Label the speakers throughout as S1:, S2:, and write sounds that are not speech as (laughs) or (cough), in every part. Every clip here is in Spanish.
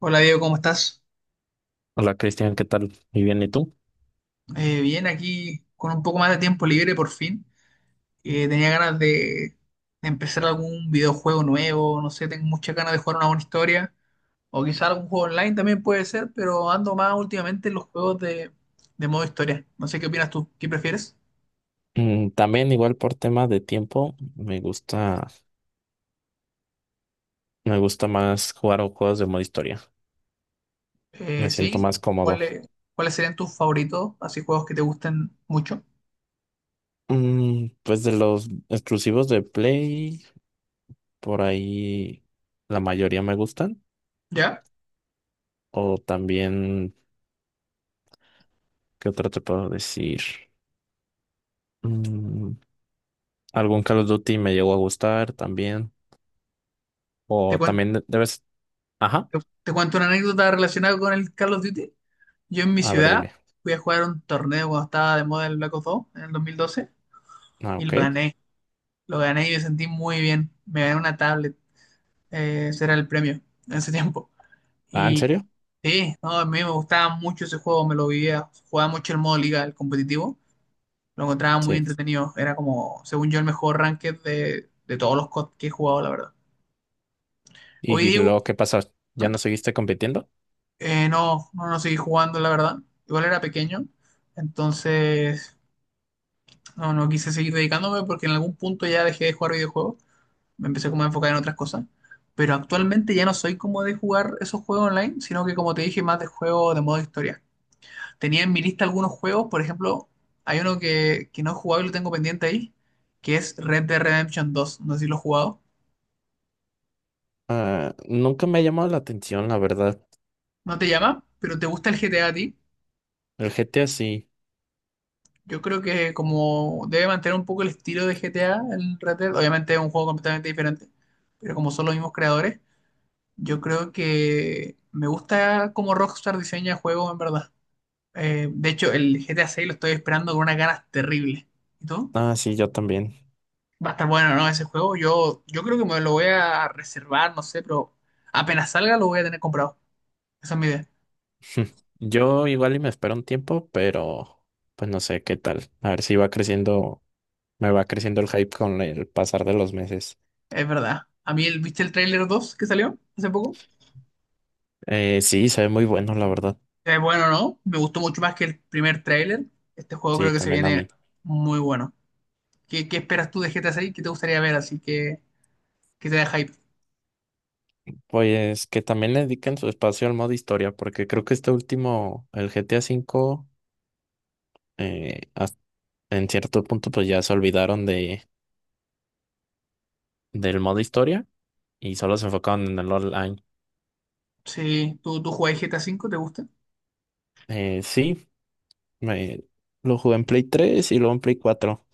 S1: Hola Diego, ¿cómo estás?
S2: Hola Cristian, ¿qué tal? Muy bien, ¿y tú?
S1: Bien, aquí con un poco más de tiempo libre por fin. Tenía ganas de empezar algún videojuego nuevo, no sé, tengo muchas ganas de jugar una buena historia, o quizá algún juego online también puede ser, pero ando más últimamente en los juegos de modo historia. No sé qué opinas tú, ¿qué prefieres?
S2: También igual por tema de tiempo, me gusta más jugar a juegos de modo historia. Me siento
S1: Sí,
S2: más cómodo.
S1: ¿cuáles cuáles serían tus favoritos? Así juegos que te gusten mucho.
S2: Pues de los exclusivos de Play, por ahí la mayoría me gustan.
S1: ¿Ya?
S2: O también, ¿qué otra te puedo decir? Mm, algún Call of Duty me llegó a gustar también.
S1: Te
S2: O
S1: cuento,
S2: también debes. Ajá,
S1: te, te cuento una anécdota relacionada con el Call of Duty. Yo en mi
S2: a ver,
S1: ciudad
S2: dime.
S1: fui a jugar un torneo cuando estaba de moda el Black Ops 2 en el 2012
S2: Ah,
S1: y
S2: ok.
S1: lo gané. Lo gané y me sentí muy bien. Me gané una tablet. Ese era el premio en ese tiempo.
S2: Ah, ¿en
S1: Y
S2: serio?
S1: sí, no, a mí me gustaba mucho ese juego, me lo vivía. Jugaba mucho el modo liga, el competitivo. Lo encontraba muy
S2: Sí.
S1: entretenido. Era como, según yo, el mejor ranked de todos los COD que he jugado, la verdad. Hoy
S2: ¿Y
S1: digo,
S2: luego qué pasó? ¿Ya
S1: no,
S2: no seguiste compitiendo?
S1: No, no seguí jugando, la verdad. Igual era pequeño. Entonces no, no quise seguir dedicándome porque en algún punto ya dejé de jugar videojuegos. Me empecé como a enfocar en otras cosas. Pero actualmente ya no soy como de jugar esos juegos online, sino que como te dije, más de juegos de modo historia. Tenía en mi lista algunos juegos, por ejemplo, hay uno que no he jugado y lo tengo pendiente ahí, que es Red Dead Redemption 2. No sé si lo he jugado.
S2: Ah, nunca me ha llamado la atención, la verdad.
S1: No te llama, pero te gusta el GTA a ti.
S2: El GTA sí.
S1: Yo creo que como debe mantener un poco el estilo de GTA, el Red Dead, obviamente es un juego completamente diferente, pero como son los mismos creadores. Yo creo que me gusta cómo Rockstar diseña juegos, en verdad. De hecho, el GTA 6 lo estoy esperando con unas ganas terribles. ¿Y tú?
S2: Ah, sí, yo también.
S1: Va a estar bueno, ¿no? Ese juego. Yo creo que me lo voy a reservar, no sé, pero apenas salga lo voy a tener comprado. Esa es mi idea.
S2: (laughs) Yo igual y me espero un tiempo, pero pues no sé qué tal. A ver si va creciendo, me va creciendo el hype con el pasar de los meses.
S1: Es verdad. A mí, el, ¿viste el tráiler 2 que salió hace poco?
S2: Sí, se ve muy bueno, la verdad.
S1: Es bueno, ¿no? Me gustó mucho más que el primer tráiler. Este juego
S2: Sí,
S1: creo que se
S2: también a
S1: viene
S2: mí.
S1: muy bueno. Qué esperas tú de GTA 6? ¿Qué te gustaría ver? Así que, ¿qué te da hype?
S2: Pues que también le dediquen su espacio al modo historia, porque creo que este último, el GTA V, eh, en cierto punto pues ya se olvidaron del modo historia y solo se enfocaron en el online.
S1: Sí, tú jugás GTA V? ¿Te gusta?
S2: Sí, me- lo jugué en Play 3 y luego en Play 4.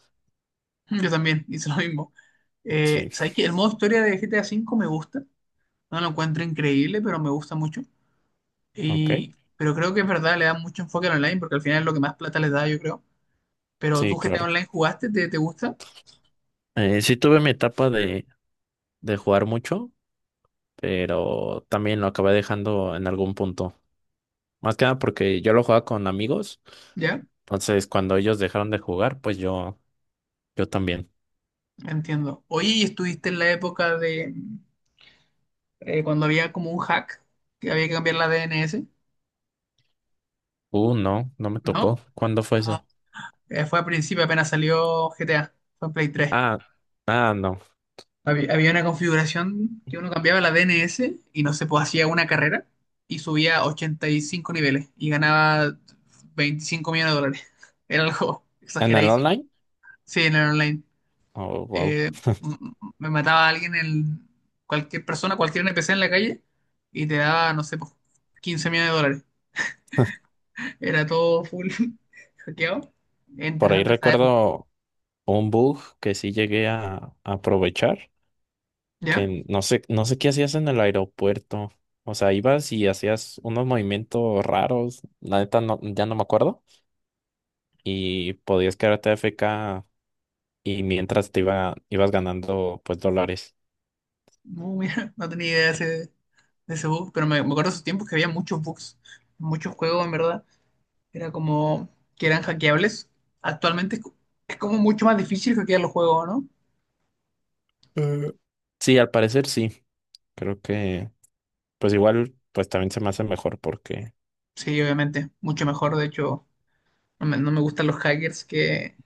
S1: (laughs) Yo también, hice lo mismo.
S2: Sí,
S1: ¿Sabes qué? El modo historia de GTA V me gusta. No lo encuentro increíble, pero me gusta mucho.
S2: ok.
S1: Y, pero creo que es verdad, le da mucho enfoque al online, porque al final es lo que más plata les da, yo creo. Pero tú
S2: Sí,
S1: GTA
S2: claro.
S1: Online jugaste, te gusta?
S2: Sí tuve mi etapa de jugar mucho, pero también lo acabé dejando en algún punto. Más que nada porque yo lo jugaba con amigos,
S1: ¿Ya?
S2: entonces cuando ellos dejaron de jugar, pues yo también.
S1: Entiendo. Oye, ¿y estuviste en la época de cuando había como un hack, que había que cambiar la DNS?
S2: No, no me
S1: ¿No?
S2: tocó. ¿Cuándo fue
S1: Ah,
S2: eso?
S1: fue al principio, apenas salió GTA, fue en Play 3.
S2: Ah, ah, no.
S1: Había una configuración que uno cambiaba la DNS y no se podía hacía una carrera y subía 85 niveles y ganaba $25 millones. (laughs) Era algo
S2: ¿En el
S1: exageradísimo.
S2: online?
S1: Sí, en el online.
S2: Oh, wow.
S1: Eh, Me mataba a alguien, el, cualquier persona, cualquier NPC en la calle y te daba, no sé, pues, $15 millones. Era todo full (laughs) hackeado.
S2: Por ahí
S1: Interesante esa época.
S2: recuerdo un bug que sí llegué a aprovechar,
S1: ¿Ya?
S2: que no sé qué hacías en el aeropuerto. O sea, ibas y hacías unos movimientos raros, la neta no, ya no me acuerdo, y podías quedarte AFK y mientras ibas ganando pues dólares.
S1: No, mira, (laughs) no tenía idea de ese bug, pero me acuerdo de esos tiempos que había muchos bugs, muchos juegos, en verdad. Era como que eran hackeables. Actualmente es como mucho más difícil hackear los juegos, ¿no?
S2: Eh, Sí, al parecer sí. Creo que pues igual pues también se me hace mejor porque
S1: Sí, obviamente, mucho mejor. De hecho, no me gustan los hackers que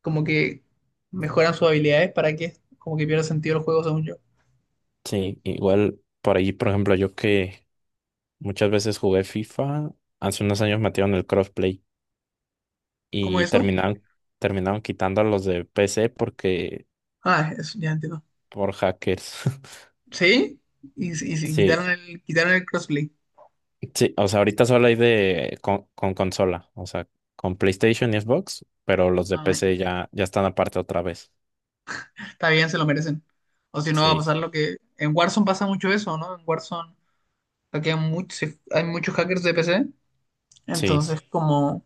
S1: como que mejoran sus habilidades para que como que pierda sentido los juegos, según yo.
S2: sí, igual por ahí, por ejemplo, yo que muchas veces jugué FIFA, hace unos años metieron el crossplay.
S1: ¿Cómo
S2: Y
S1: eso?
S2: terminaron quitando a los de PC porque
S1: Ah, eso ya entiendo.
S2: por hackers. (laughs)
S1: ¿Sí? Y
S2: Sí,
S1: quitaron el crossplay.
S2: sí, o sea, ahorita solo hay de con consola, o sea, con PlayStation y Xbox, pero los de PC ya están aparte otra vez.
S1: Está bien, se lo merecen. O si no va a
S2: Sí,
S1: pasar lo que... En Warzone pasa mucho eso, ¿no? En Warzone hay muchos hackers de PC.
S2: sí,
S1: Entonces, como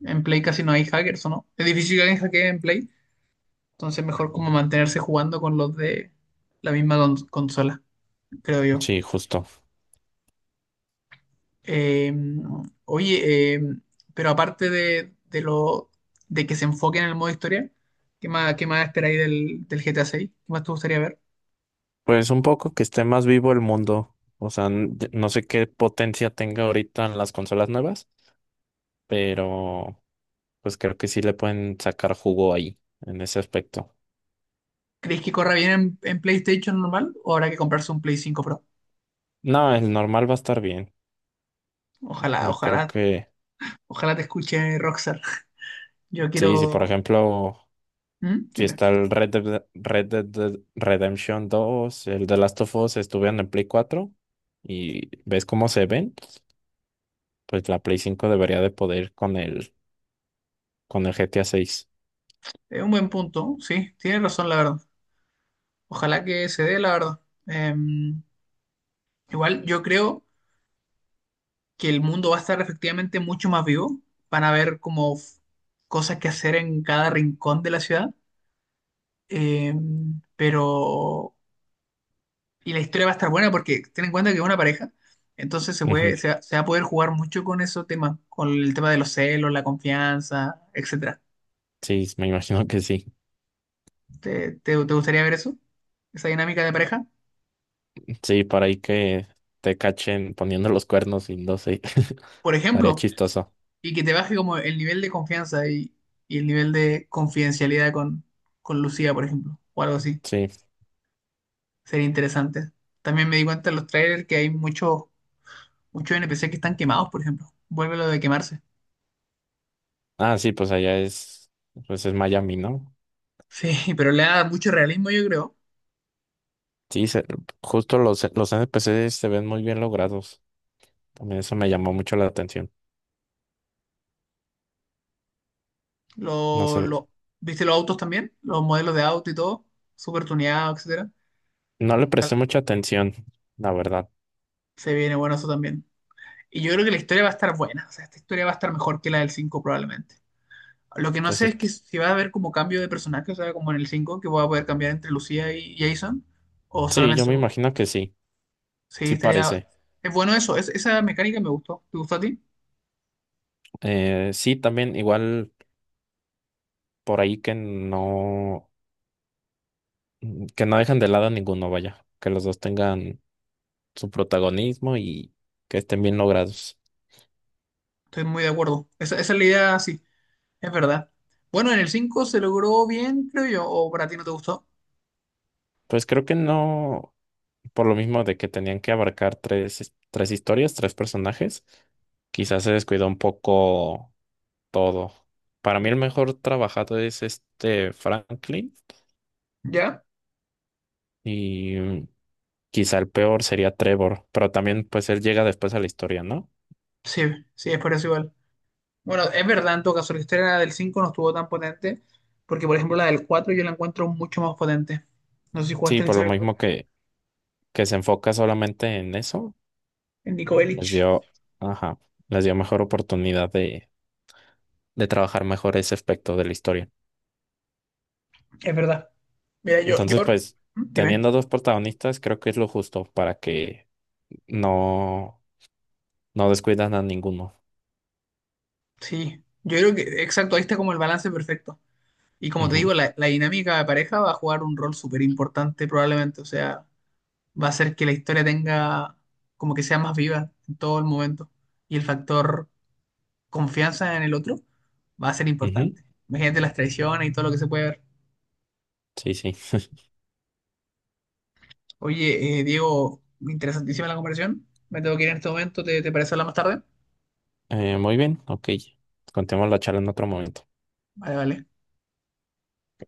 S1: en Play casi no hay hackers, ¿o no? Es difícil que alguien hackee en Play. Entonces, mejor como mantenerse jugando con los de la misma consola, creo yo.
S2: sí, justo.
S1: Eh, oye, pero aparte de lo de que se enfoque en el modo historia, qué más esperáis del GTA 6? ¿Qué más te gustaría ver?
S2: Pues un poco que esté más vivo el mundo. O sea, no sé qué potencia tenga ahorita en las consolas nuevas, pero pues creo que sí le pueden sacar jugo ahí, en ese aspecto.
S1: ¿Crees que corra bien en PlayStation normal o habrá que comprarse un Play 5 Pro?
S2: No, el normal va a estar bien.
S1: Ojalá,
S2: No creo
S1: ojalá,
S2: que.
S1: ojalá te escuche Rockstar. Yo
S2: Sí, sí, por
S1: quiero...
S2: ejemplo,
S1: ¿Mm?
S2: si
S1: Dime.
S2: está el Red Dead Redemption 2, el The Last of Us estuvieron en Play 4, y ves cómo se ven, pues la Play 5 debería de poder con el GTA 6.
S1: Es un buen punto, sí, tienes razón, la verdad. Ojalá que se dé, la verdad. Em, Igual yo creo que el mundo va a estar efectivamente mucho más vivo. Van a haber como cosas que hacer en cada rincón de la ciudad. Pero y la historia va a estar buena porque ten en cuenta que es una pareja, entonces se puede,
S2: Ujú,
S1: se va a poder jugar mucho con esos temas, con el tema de los celos, la confianza, etcétera.
S2: sí, me imagino que sí.
S1: Te gustaría ver eso? Esa dinámica de pareja,
S2: Sí, para ahí que te cachen poniendo los cuernos y no sé, (laughs)
S1: por
S2: estaría
S1: ejemplo,
S2: chistoso.
S1: y que te baje como el nivel de confianza y el nivel de confidencialidad con Lucía, por ejemplo, o algo así.
S2: Sí.
S1: Sería interesante. También me di cuenta en los trailers que hay muchos NPC que están quemados, por ejemplo. Vuelve lo de quemarse.
S2: Ah, sí, pues allá es, pues es Miami, ¿no?
S1: Sí, (laughs) pero le da mucho realismo, yo creo.
S2: Sí, justo los NPCs se ven muy bien logrados. También eso me llamó mucho la atención. No
S1: Lo,
S2: sé,
S1: lo- ¿Viste los autos también? Los modelos de auto y todo, súper tuneados, etcétera.
S2: no le
S1: Al-
S2: presté mucha atención, la verdad.
S1: se viene bueno eso también. Y yo creo que la historia va a estar buena, o sea, esta historia va a estar mejor que la del 5 probablemente. Lo que no sé
S2: Entonces,
S1: es que si va a haber como cambio de personaje, o sea, como en el 5 que voy a poder cambiar entre Lucía y Jason, o
S2: sí, yo
S1: solamente...
S2: me imagino que sí,
S1: Sí,
S2: sí
S1: estaría...
S2: parece.
S1: Es bueno eso, esa mecánica me gustó. ¿Te gustó a ti?
S2: Sí, también igual por ahí que no dejan de lado a ninguno, vaya, que los dos tengan su protagonismo y que estén bien logrados.
S1: Estoy muy de acuerdo. Esa es la idea, sí, es verdad. Bueno, en el 5 se logró bien, creo yo, o para ti no te gustó.
S2: Pues creo que no, por lo mismo de que tenían que abarcar tres historias, tres personajes, quizás se descuidó un poco todo. Para mí el mejor trabajado es este Franklin,
S1: ¿Ya?
S2: y quizá el peor sería Trevor, pero también pues él llega después a la historia, ¿no?
S1: Sí, sí, es por eso igual. Bueno, es verdad en todo caso, la historia del 5 no estuvo tan potente, porque por ejemplo la del 4 yo la encuentro mucho más potente. No sé si
S2: Sí,
S1: jugaste la
S2: por lo
S1: historia del 4
S2: mismo que se enfoca solamente en eso,
S1: en Nico
S2: les
S1: Bellic,
S2: dio, ajá, les dio mejor oportunidad de trabajar mejor ese aspecto de la historia.
S1: es verdad. Mira,
S2: Entonces,
S1: yo,
S2: pues,
S1: ¿Mm? Dime,
S2: teniendo dos protagonistas, creo que es lo justo para que no, no descuidan a ninguno.
S1: sí, yo creo que, exacto, ahí está como el balance perfecto. Y como te
S2: Ujú,
S1: digo, la dinámica de pareja va a jugar un rol súper importante probablemente, o sea, va a hacer que la historia tenga, como que sea más viva en todo el momento. Y el factor confianza en el otro va a ser
S2: ujú,
S1: importante. Imagínate las traiciones y todo lo que se puede ver.
S2: sí, sí.
S1: Oye, Diego, interesantísima la conversación. Me tengo que ir en este momento. Te parece hablar más tarde?
S2: Muy bien, ok. Continuamos la charla en otro momento.
S1: Vale, vale.